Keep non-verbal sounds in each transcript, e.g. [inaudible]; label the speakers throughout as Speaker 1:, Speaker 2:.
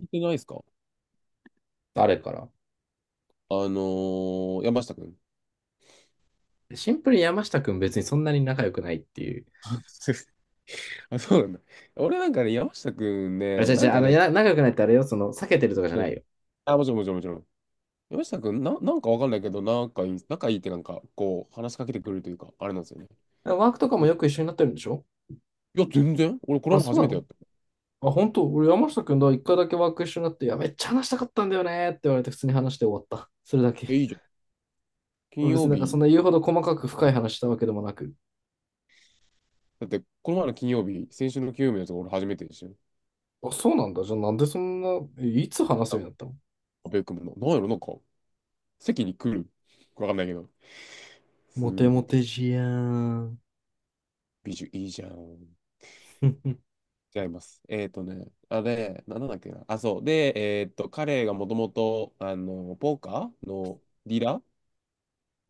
Speaker 1: 聞いてないですか？
Speaker 2: 誰から？
Speaker 1: あの山下くん。
Speaker 2: シンプルに山下くん別にそんなに仲良くないっていう。
Speaker 1: あ、すいません [laughs] あ、そうなんだ。俺なんかね、山下くん
Speaker 2: あれ、
Speaker 1: ね、
Speaker 2: 違う
Speaker 1: な
Speaker 2: 違
Speaker 1: ん
Speaker 2: う、
Speaker 1: かね。
Speaker 2: 仲良くないってあれよ、避けてるとかじゃ
Speaker 1: う
Speaker 2: ない
Speaker 1: ん。
Speaker 2: よ。
Speaker 1: あ、もちろんもちろんもちろん。山下くん、なんかわかんないけど、なんかいい、仲いいってなんか、こう、話しかけてくれるというか、あれなんですよね。
Speaker 2: ワークとか
Speaker 1: い
Speaker 2: も
Speaker 1: や、
Speaker 2: よく一緒になってるんでしょ？
Speaker 1: いや、全然俺、これ
Speaker 2: あ、
Speaker 1: も
Speaker 2: そ
Speaker 1: 初
Speaker 2: う
Speaker 1: め
Speaker 2: な
Speaker 1: てやっ
Speaker 2: の？
Speaker 1: た。
Speaker 2: あ、本当？俺山下くんだ、一回だけワーク一緒になって、いや、めっちゃ話したかったんだよねって言われて普通に話して終わった。それだけ。
Speaker 1: え、いいじゃん。金
Speaker 2: 俺別
Speaker 1: 曜
Speaker 2: になんかそん
Speaker 1: 日、
Speaker 2: な言うほど細かく深い話したわけでもなく。
Speaker 1: だって、この前の金曜日、先週の金曜日のやつ、俺初めてでしょ。
Speaker 2: あ、そうなんだ。じゃあなんでそんな、いつ話すよ
Speaker 1: あ、
Speaker 2: うになったの？
Speaker 1: 阿部君もな、なんやろ、なんか、席に来る。わかんないけど、ス
Speaker 2: モテ
Speaker 1: ー
Speaker 2: モ
Speaker 1: って、
Speaker 2: テじやーん。
Speaker 1: 美女いいじゃん。
Speaker 2: [laughs]
Speaker 1: 違います。あれ、なんだっけな。あ、そう。で、彼がもともと、ポーカーのディーラー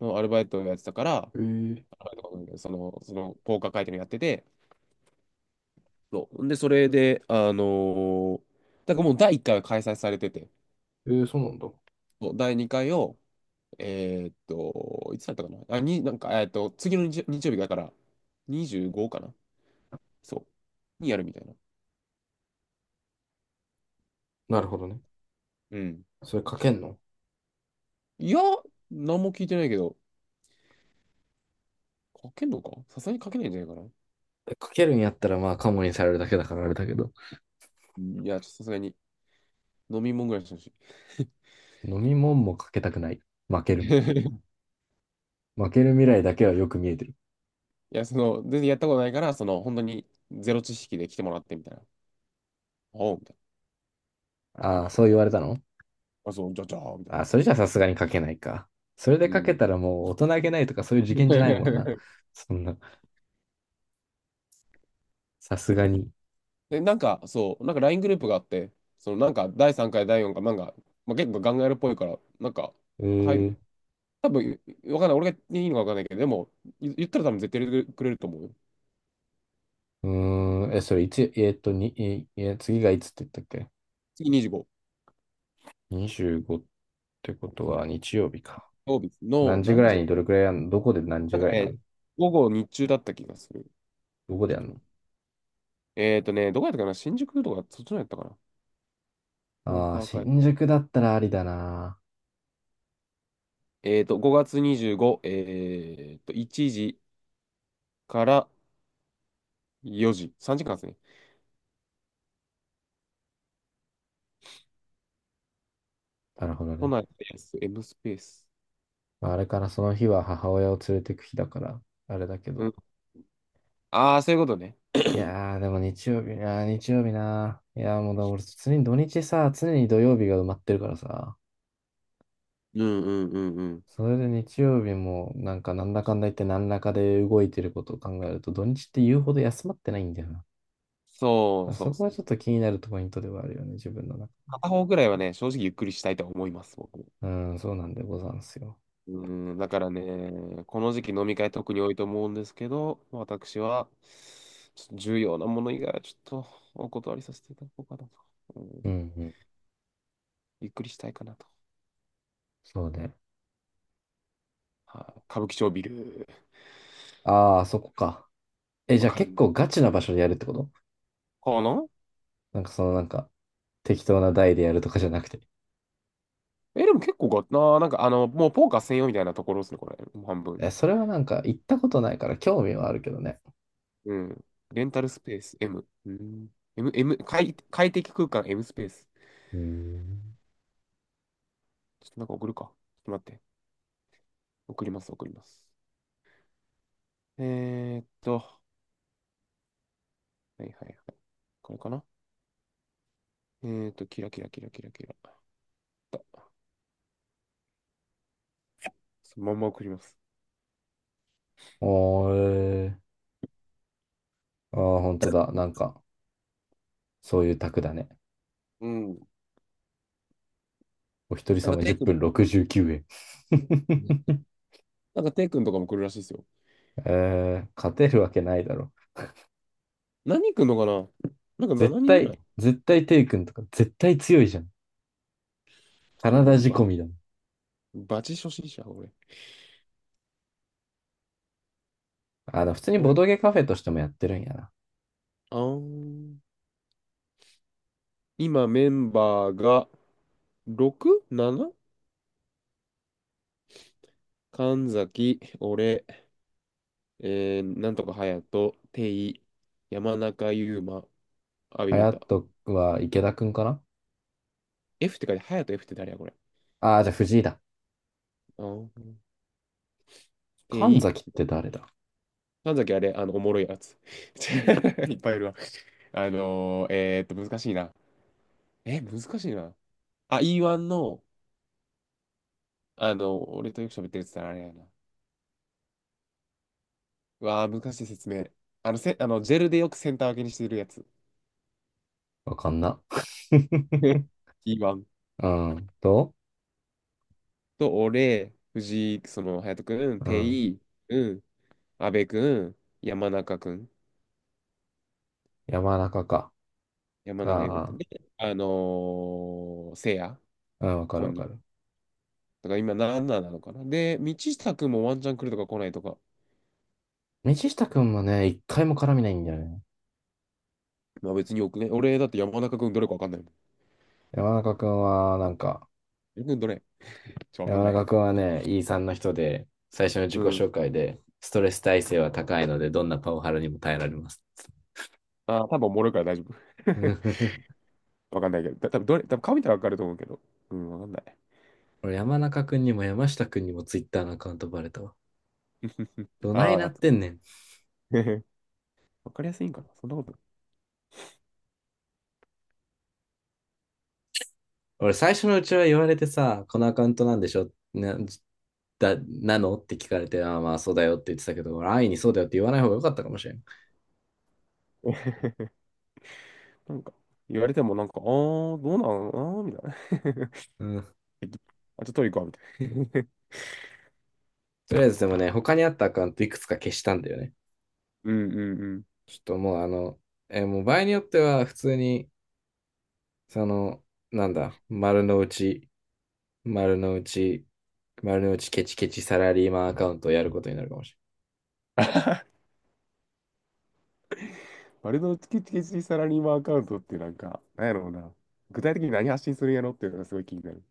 Speaker 1: のアルバイトをやってたから、
Speaker 2: えー、
Speaker 1: アルバイトかわかんないけどその、ポーカー会見をやってて、そう。で、それで、ーだからもう第一回は開催されてて、
Speaker 2: えーそうなんだ。
Speaker 1: そう、第二回を、いつだったかな。あ、なんか、次の日、日曜日だから、25かな。そう。にやるみたいな。
Speaker 2: なるほどね。
Speaker 1: うん。
Speaker 2: それ書けんの？
Speaker 1: いや、何も聞いてないけど、書けんのか、さすがに書けないんじゃないかな。
Speaker 2: かけるんやったらまあカモにされるだけだからあれだけど、
Speaker 1: いや、ちょっとさすがに飲み物ぐらいしてほし
Speaker 2: 飲み物もかけたくない。負け
Speaker 1: い。
Speaker 2: る。
Speaker 1: [laughs]
Speaker 2: 負ける未来だけはよく見えてる。
Speaker 1: いや、その、全然やったことないから、その、本当にゼロ知識で来てもらってみたいな。おう、みたいな。そう
Speaker 2: ああ、そう
Speaker 1: そ
Speaker 2: 言
Speaker 1: う。
Speaker 2: われたの？
Speaker 1: あ、そう、じゃじゃー、みたい
Speaker 2: あ
Speaker 1: な。
Speaker 2: あ、それじゃさすがにかけないか。それで
Speaker 1: う
Speaker 2: かけ
Speaker 1: ん。
Speaker 2: たらもう大人げないとかそういう事件じゃないもんな。
Speaker 1: [laughs]
Speaker 2: そんな、さすがに。
Speaker 1: で、なんか、そう、なんか LINE グループがあって、その、なんか、第3回、第4回、なんか、まあ、結構ガンガールっぽいから、なんか、
Speaker 2: う
Speaker 1: 入
Speaker 2: ーん、
Speaker 1: る多分、わかんない。俺がいいのかわかんないけど、でも、言ったら多分絶対入れてくれると思うよ。
Speaker 2: それいつ、えーっと、に、え、え次がいつって言ったっけ？
Speaker 1: 次25、
Speaker 2: 25 ってことは日曜日か。
Speaker 1: 曜日の
Speaker 2: 何時ぐ
Speaker 1: 何
Speaker 2: ら
Speaker 1: 時
Speaker 2: い
Speaker 1: だ？
Speaker 2: にどれくらいやんの？どこで何時
Speaker 1: なん
Speaker 2: ぐ
Speaker 1: か
Speaker 2: らいやん
Speaker 1: ね、
Speaker 2: の？
Speaker 1: 午後日中だった気がする。
Speaker 2: どこで
Speaker 1: ち
Speaker 2: やんの？
Speaker 1: ょっとどこやったかな、新宿とか、そっちのやったかな？ポー
Speaker 2: ああ、
Speaker 1: カー会。
Speaker 2: 新宿だったらありだな。
Speaker 1: 5月25、1時から4時、3時間ですね。
Speaker 2: なるほど
Speaker 1: 都
Speaker 2: ね。
Speaker 1: 内でやす。M スペース。
Speaker 2: まあ、あれからその日は母親を連れてく日だから、あれだけ
Speaker 1: う
Speaker 2: ど。
Speaker 1: ん。ああ、そういうことね。
Speaker 2: いやー、でも日曜日、あー日曜日なー。いやー、もうだ、俺、常に土日さ、常に土曜日が埋まってるからさ、
Speaker 1: うんうんうんうん。
Speaker 2: それで日曜日も、なんか、なんだかんだ言って、何らかで動いてることを考えると、土日って言うほど休まってないんだよな。だ
Speaker 1: そ
Speaker 2: か
Speaker 1: う
Speaker 2: ら
Speaker 1: そう
Speaker 2: そ
Speaker 1: っ
Speaker 2: こ
Speaker 1: す
Speaker 2: はちょっと
Speaker 1: ね。
Speaker 2: 気になるポイントではあるよね、自分の中。
Speaker 1: 片方くらいはね、正直ゆっくりしたいと思います、僕も。
Speaker 2: うん、そうなんでござんすよ。
Speaker 1: うん、だからね、この時期飲み会特に多いと思うんですけど、私は、ちょっと重要なもの以外はちょっとお断りさせていただこうかなと。う
Speaker 2: う
Speaker 1: ん、
Speaker 2: んうん、
Speaker 1: ゆっくりしたいかなと。
Speaker 2: そうね。
Speaker 1: はい、歌舞伎町ビル、
Speaker 2: あー、そこか。え、じ
Speaker 1: わ
Speaker 2: ゃあ
Speaker 1: かる
Speaker 2: 結
Speaker 1: んだ。
Speaker 2: 構ガチな場所でやるってこと？
Speaker 1: かな？
Speaker 2: なんか、適当な台でやるとかじゃなくて。
Speaker 1: え、でも結構なあ、なんかもうポーカー専用みたいなところですね、これ。もう半分。
Speaker 2: え、それはなんか行ったことないから興味はあるけどね。
Speaker 1: うん。レンタルスペース M。うん。M、M、快適空間 M スペース。
Speaker 2: うーん。
Speaker 1: ちょっとなんか送るか。ちょっと待って。送ります、送ります。はいはいはい。これかな？キラキラキラキラキラ。そのまんま送ります。
Speaker 2: おー、えー、ああ、本当だ。なんか、そういう卓だね。
Speaker 1: うん。
Speaker 2: お一人
Speaker 1: なんか
Speaker 2: 様
Speaker 1: テイ
Speaker 2: 10
Speaker 1: 君、
Speaker 2: 分69円。[laughs]
Speaker 1: なんかテイ君とかも来るらしいですよ。
Speaker 2: えー、勝てるわけないだろ。
Speaker 1: 何人来るのかな？なんか
Speaker 2: 絶
Speaker 1: 7人ぐらい。
Speaker 2: 対、絶対テイ君とか絶対強いじゃん。
Speaker 1: ち
Speaker 2: カ
Speaker 1: ょ
Speaker 2: ナ
Speaker 1: っと
Speaker 2: ダ
Speaker 1: 俺
Speaker 2: 仕込みだもん。
Speaker 1: バチ初心者、俺。
Speaker 2: 普通にボ
Speaker 1: お
Speaker 2: ドゲカフェとしてもやってるんやな。
Speaker 1: あん、今メンバーが 6?7? 神崎、俺、なんとか隼人、テイ、山中優馬、阿部
Speaker 2: ハ
Speaker 1: 裕
Speaker 2: ヤ
Speaker 1: 太。
Speaker 2: トは池田くんかな？
Speaker 1: F って書いて、隼人 F って誰やこれ？
Speaker 2: ああー、じゃあ藤井だ。
Speaker 1: あー、テ
Speaker 2: 神
Speaker 1: イ、
Speaker 2: 崎って誰だ？
Speaker 1: 神崎あれ、おもろいやつ。[laughs] いっぱいいるわ。難しいな。え、難しいな。あ、E1 の、俺とよく喋ってるやつってあれやな。うわー、難しい説明。あの、せ、あの、ジェルでよくセンター分けにしてるやつ。
Speaker 2: わかんな。
Speaker 1: [laughs] E1。
Speaker 2: うん。と、
Speaker 1: と、俺、藤井、その、隼人君、
Speaker 2: う
Speaker 1: 定
Speaker 2: ん。
Speaker 1: 井、うん、阿部君、山中君、
Speaker 2: 山中か。
Speaker 1: 山中優馬
Speaker 2: あ
Speaker 1: 君
Speaker 2: あ、
Speaker 1: で、あのせいや、
Speaker 2: あ、わかる
Speaker 1: 本
Speaker 2: わ
Speaker 1: 人。
Speaker 2: かる。
Speaker 1: だから今んななのかな。で、道下君もワンチャン来るとか来ないとか。
Speaker 2: 道下くんもね、一回も絡みないんだよね。
Speaker 1: まあ別によくね。俺だって山中君どれかわかんないもん。
Speaker 2: 山中くんは、なんか、
Speaker 1: 山中君どれ、わかん
Speaker 2: 山
Speaker 1: ない。
Speaker 2: 中くんはね、E さんの人で、最初の自
Speaker 1: う
Speaker 2: 己
Speaker 1: ん。
Speaker 2: 紹介で、ストレス耐性は高いので、どんなパワハラにも耐えられます。
Speaker 1: あー、多分おもろいから大丈夫。
Speaker 2: [laughs]
Speaker 1: わかんないけど。た多分どれ、多分顔見たらわかると思うけど。うん、わかんない。
Speaker 2: 俺、山中くんにも山下くんにも Twitter のアカウントバレたわ。どない
Speaker 1: あー、
Speaker 2: な
Speaker 1: あ
Speaker 2: っ
Speaker 1: と
Speaker 2: てんねん。
Speaker 1: [laughs] わかりやすいんかな？そんなことな
Speaker 2: 俺、最初のうちは言われてさ、このアカウントなんでしょな、だ、なのって聞かれて、ああ、まあそうだよって言ってたけど、俺安易にそうだよって言わない方が良かったかもしれん。
Speaker 1: い。[laughs] なんか、言われてもなんか、あー、どうなんあー、みたいな。
Speaker 2: うん。
Speaker 1: えっとあとトリコはみたいな。
Speaker 2: とりあえずでもね、他にあったアカウントいくつか消したんだよね。
Speaker 1: [laughs] うんうんうん。
Speaker 2: ちょっともうあの、えーもう場合によっては普通に、その、なんだ、丸の内、丸の内ケチケチサラリーマンアカウントをやることになるかもし
Speaker 1: バルドチキチキチサラリーマンアカウントってなんか、なんやろうな。具体的に何発信するんやろっていうのがすごい気になる。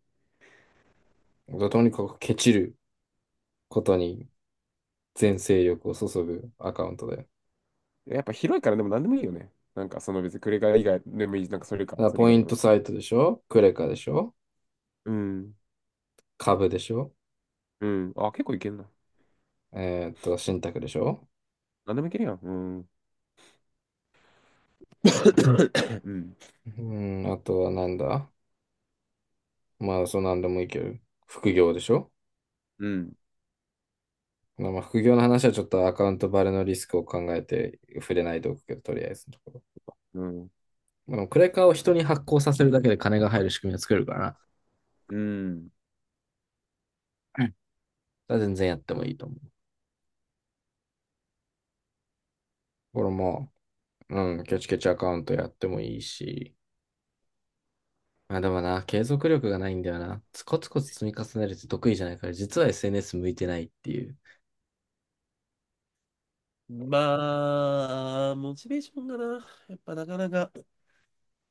Speaker 2: れない。とにかくケチることに全勢力を注ぐアカウントだよ。
Speaker 1: やっぱ広いからでも何でもいいよね。なんかその別にクレカ以外でもいいし、なんかそれか、
Speaker 2: だから
Speaker 1: それ以
Speaker 2: ポイ
Speaker 1: 外で
Speaker 2: ント
Speaker 1: も
Speaker 2: サイトでしょ？クレカでしょ？
Speaker 1: うん。
Speaker 2: 株でしょ？
Speaker 1: うん。あ、結構いけんな。
Speaker 2: 信託でしょ？
Speaker 1: 何でもいけるやん。うん。[laughs] [coughs] うん。
Speaker 2: あとはなんだ？まあ、そうなんでもいいけど、副業でしょ？
Speaker 1: うん。
Speaker 2: まあ、まあ副業の話はちょっとアカウントバレのリスクを考えて触れないでおくけど、とりあえずのところ。
Speaker 1: うん。
Speaker 2: まあ、でもクレカを人に発行させるだけで金が入る仕組みを作れるからな。
Speaker 1: うん。
Speaker 2: うん。だ全然やってもいいと思う。これも、うん、ケチケチアカウントやってもいいし。まあでもな、継続力がないんだよな。コツコツコツ積み重ねるって得意じゃないから、実は SNS 向いてないっていう。
Speaker 1: まあ、モチベーションがな、やっぱなかなか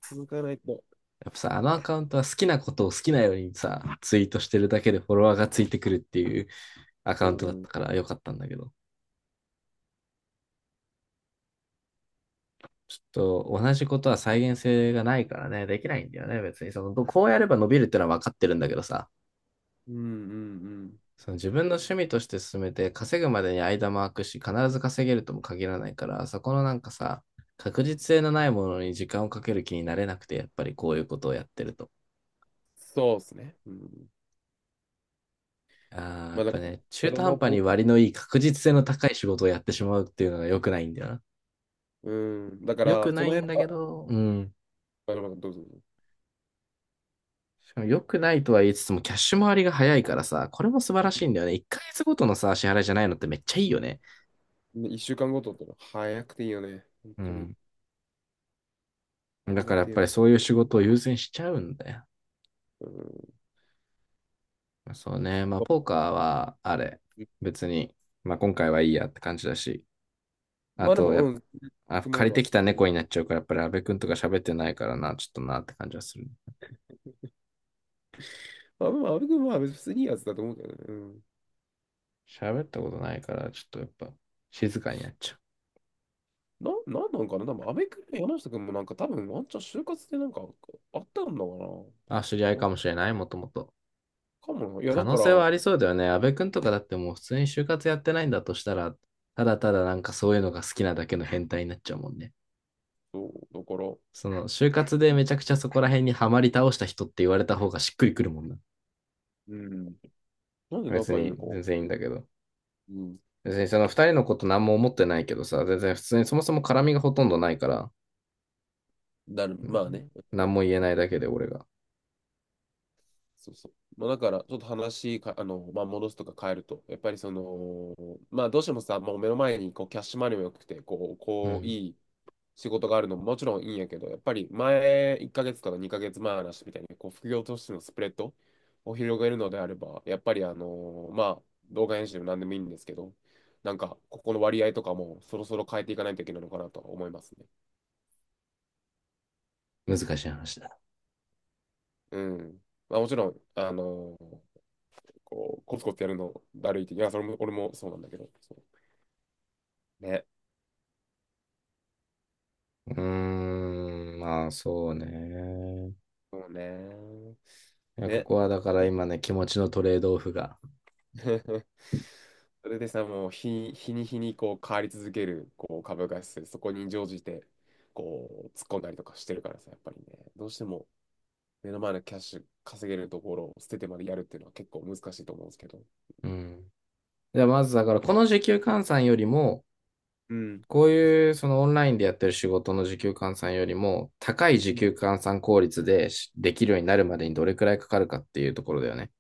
Speaker 1: 続かないと。
Speaker 2: やっぱさ、あのアカウントは好きなことを好きなようにさ、ツイートしてるだけでフォロワーがついてくるっていうアカウン
Speaker 1: う
Speaker 2: トだっ
Speaker 1: ん。
Speaker 2: たからよかったんだけど。ちょっと同じことは再現性がないからね、できないんだよね、別に。その、こうやれば伸びるってのは分かってるんだけどさ、
Speaker 1: うん。うん。うん、
Speaker 2: その自分の趣味として進めて稼ぐまでに間も空くし、必ず稼げるとも限らないから、そこのなんかさ、確実性のないものに時間をかける気になれなくて、やっぱりこういうことをやってると。
Speaker 1: そうっすね。うん。
Speaker 2: あーや
Speaker 1: ま
Speaker 2: っ
Speaker 1: あだ
Speaker 2: ぱ
Speaker 1: から、
Speaker 2: ね、
Speaker 1: そ
Speaker 2: 中
Speaker 1: れ
Speaker 2: 途半
Speaker 1: も
Speaker 2: 端に
Speaker 1: ポ、
Speaker 2: 割のいい確実性の高い仕事をやってしまうっていうのが良くないんだよな。
Speaker 1: うん、だか
Speaker 2: 良
Speaker 1: ら、
Speaker 2: く
Speaker 1: そ
Speaker 2: な
Speaker 1: の
Speaker 2: い
Speaker 1: 辺、
Speaker 2: んだ
Speaker 1: あ、
Speaker 2: けど、うん。
Speaker 1: どうぞどうぞ。
Speaker 2: しかも良くないとは言いつつも、キャッシュ回りが早いからさ、これも素晴らしいんだよね。1ヶ月ごとのさ、支払いじゃないのってめっちゃいいよね。
Speaker 1: ね、一週間ごとってのは早くていいよね。本
Speaker 2: う
Speaker 1: 当に。
Speaker 2: ん。
Speaker 1: あ
Speaker 2: だ
Speaker 1: り
Speaker 2: か
Speaker 1: が
Speaker 2: らやっ
Speaker 1: てえ
Speaker 2: ぱり
Speaker 1: わ。
Speaker 2: そういう仕事を優先しちゃうんだよ。
Speaker 1: うん。
Speaker 2: そうね。まあ、ポー
Speaker 1: そ
Speaker 2: カーは、あれ、
Speaker 1: う。
Speaker 2: 別に、まあ今回はいいやって感じだし、あ
Speaker 1: まあで
Speaker 2: と
Speaker 1: も、
Speaker 2: や
Speaker 1: う
Speaker 2: っ
Speaker 1: ん、
Speaker 2: ぱあ、
Speaker 1: でもらえ
Speaker 2: 借り
Speaker 1: ば。
Speaker 2: てきた
Speaker 1: うん。
Speaker 2: 猫になっちゃうから、やっぱり阿部くんとか喋ってないからな、ちょっとなって感じはする。
Speaker 1: まあ、阿部君は別にいいやつだと思うけどね。うん。
Speaker 2: 喋ったことないから、ちょっとやっぱ静かになっちゃう。
Speaker 1: なんなんかな多分、阿部君も山下君もなんか多分、ワンチャン就活でなんかあったんだかな。
Speaker 2: あ、知り合い
Speaker 1: なん
Speaker 2: か
Speaker 1: か
Speaker 2: もしれない、もともと。
Speaker 1: かもな。いや、
Speaker 2: 可
Speaker 1: だ
Speaker 2: 能
Speaker 1: から、
Speaker 2: 性は
Speaker 1: そ
Speaker 2: ありそうだよね。安部君とかだってもう普通に就活やってないんだとしたら、ただただなんかそういうのが好きなだけの変態になっちゃうもんね。
Speaker 1: う、だから、
Speaker 2: その就活でめちゃくちゃそこら辺にはまり倒した人って言われた方がしっくりくるもんな。
Speaker 1: うん。なんで
Speaker 2: 別
Speaker 1: 仲いい
Speaker 2: に
Speaker 1: のか、
Speaker 2: 全然いいんだけど。
Speaker 1: うん。
Speaker 2: 別にその二人のこと何も思ってないけどさ、全然普通にそもそも絡みがほとんどないから、う
Speaker 1: まあ
Speaker 2: ん、
Speaker 1: ね。
Speaker 2: 何も言えないだけで俺が。
Speaker 1: そうそう。まあ、だから、ちょっと話か、あの、まあ、戻すとか変えると、やっぱりその、まあ、どうしてもさ、もう目の前にこうキャッシュマネーも良くて、こう、
Speaker 2: うん。
Speaker 1: いい仕事があるのももちろんいいんやけど、やっぱり前1ヶ月から2ヶ月前の話みたいに、こう、副業としてのスプレッドを広げるのであれば、やっぱり、まあ、動画編集でも何でもいいんですけど、なんか、ここの割合とかもそろそろ変えていかないといけないのかなとは思いますね。
Speaker 2: 難しい話だ。
Speaker 1: うん。まあ、もちろん、こう、コツコツやるのだるいって、いや、それも、俺もそうなんだけど。そうね。
Speaker 2: うーん、まあそうね。
Speaker 1: そうね。
Speaker 2: いや、こ
Speaker 1: ね。
Speaker 2: こはだから今ね、気持ちのトレードオフが。
Speaker 1: [laughs] それでさ、もう日に日にこう変わり続けるこう株価指数、そこに乗じてこう突っ込んだりとかしてるからさ、やっぱりね、どうしても目の前のキャッシュ稼げるところを捨ててまでやるっていうのは結構難しいと思うんですけど、
Speaker 2: うん。じゃあまずだから、この時給換算よりも、
Speaker 1: うん。
Speaker 2: こういうそのオンラインでやってる仕事の時給換算よりも、高い時
Speaker 1: う
Speaker 2: 給
Speaker 1: ん。
Speaker 2: 換算効率できるようになるまでにどれくらいかかるかっていうところだよね。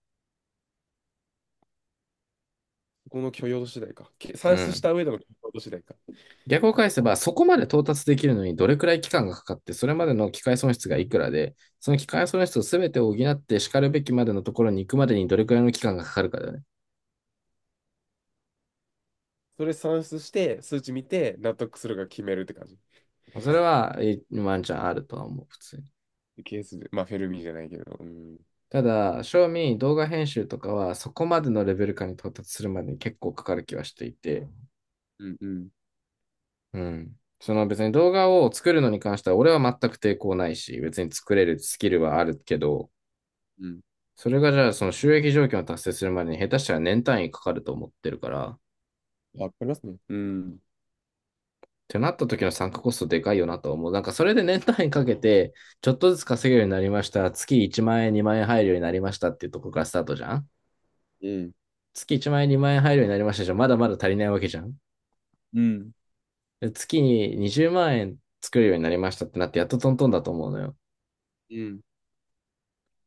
Speaker 1: この許容度次第か。
Speaker 2: う
Speaker 1: 算出し
Speaker 2: ん。
Speaker 1: た上での許容度次第か。
Speaker 2: 逆を返せば、そこまで到達できるのにどれくらい期間がかかって、それまでの機械損失がいくらで、その機械損失を全て補ってしかるべきまでのところに行くまでにどれくらいの期間がかかるかだよね。
Speaker 1: それ算出して、数値見て、納得するか決めるって感じ。
Speaker 2: それは、ワンチャンあるとは思う、普通に。
Speaker 1: ケースで、まあ、フェルミじゃないけど、うん。
Speaker 2: ただ、正味動画編集とかはそこまでのレベル感に到達するまでに結構かかる気はしていて、
Speaker 1: うん、うん、
Speaker 2: うん。その別に動画を作るのに関しては俺は全く抵抗ないし、別に作れるスキルはあるけど、
Speaker 1: うん。
Speaker 2: それがじゃあその収益条件を達成するまでに下手したら年単位かかると思ってるから、っ
Speaker 1: わかりますね。うん。
Speaker 2: てなった時の参加コストでかいよなとは思う。なんかそれで年単位かけて、ちょっとずつ稼げるようになりました。月1万円、2万円入るようになりましたっていうところからスタートじゃん？
Speaker 1: うん、
Speaker 2: 月1万円、2万円入るようになりましたじゃん。まだまだ足りないわけじゃん。
Speaker 1: うん、
Speaker 2: で月に20万円作るようになりましたってなって、やっとトントンだと思うのよ。
Speaker 1: うん。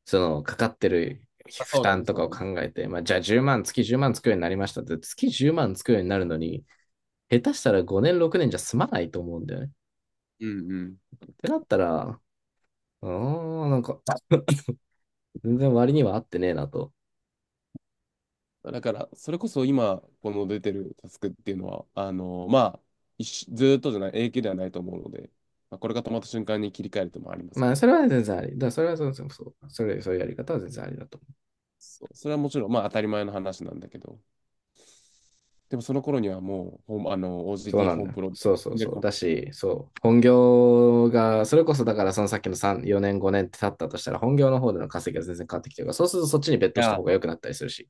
Speaker 2: その、かかってる
Speaker 1: あ、
Speaker 2: 負
Speaker 1: そうだ
Speaker 2: 担
Speaker 1: ね、
Speaker 2: と
Speaker 1: そ
Speaker 2: か
Speaker 1: う
Speaker 2: を
Speaker 1: だね。
Speaker 2: 考えて、まあ、じゃあ1万、月10万作るようになりましたって、月10万作るようになるのに、下手したら5年、6年じゃ済まないと思うんだよね。っ
Speaker 1: うん、うん。
Speaker 2: てなったら、うーん、なんか、[laughs] 全然割には合ってねえなと。
Speaker 1: だから、それこそ今、この出てるタスクっていうのは、まあ、一緒ずーっとじゃない、永久ではないと思うので、まあ、これが止まった瞬間に切り替えるともあります
Speaker 2: ま
Speaker 1: よ
Speaker 2: あ、
Speaker 1: ね。
Speaker 2: それは全然あり。だからそれはそうそうそう。それ、そういうやり方は全然ありだと。
Speaker 1: そう、それはもちろん、まあ、当たり前の話なんだけど、でもその頃にはもう、ホームあの、
Speaker 2: そう
Speaker 1: OGT
Speaker 2: なん
Speaker 1: ホー
Speaker 2: だ
Speaker 1: ム
Speaker 2: よ。
Speaker 1: プロ
Speaker 2: そうそう
Speaker 1: になる
Speaker 2: そう。
Speaker 1: かも。
Speaker 2: だし、そう。本業が、それこそだからそのさっきの3、4年、5年って経ったとしたら、本業の方での稼ぎが全然変わってきてるから、そうするとそっちにベッ
Speaker 1: い
Speaker 2: トした方
Speaker 1: や、
Speaker 2: が良くなったりするし。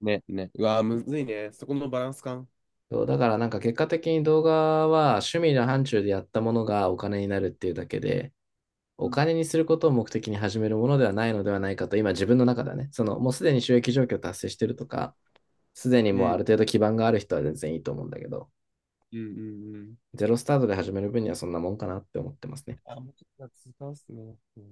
Speaker 1: ね、ね。うわー、むずいね。そこのバランス感。
Speaker 2: そう、だからなんか結果的に動画は趣味の範疇でやったものがお金になるっていうだけで、
Speaker 1: う
Speaker 2: お
Speaker 1: ん、
Speaker 2: 金にすることを目的に始めるものではないのではないかと、今自分の中ではね、そのもうすでに収益状況達成してるとか、すでに
Speaker 1: う
Speaker 2: もうある
Speaker 1: ん、
Speaker 2: 程度基盤がある人は全然いいと思うんだけど、
Speaker 1: うん、うん。うん。
Speaker 2: ゼロスタートで始める分にはそんなもんかなって思ってますね。
Speaker 1: あ、もうちょっと続かっすね。うん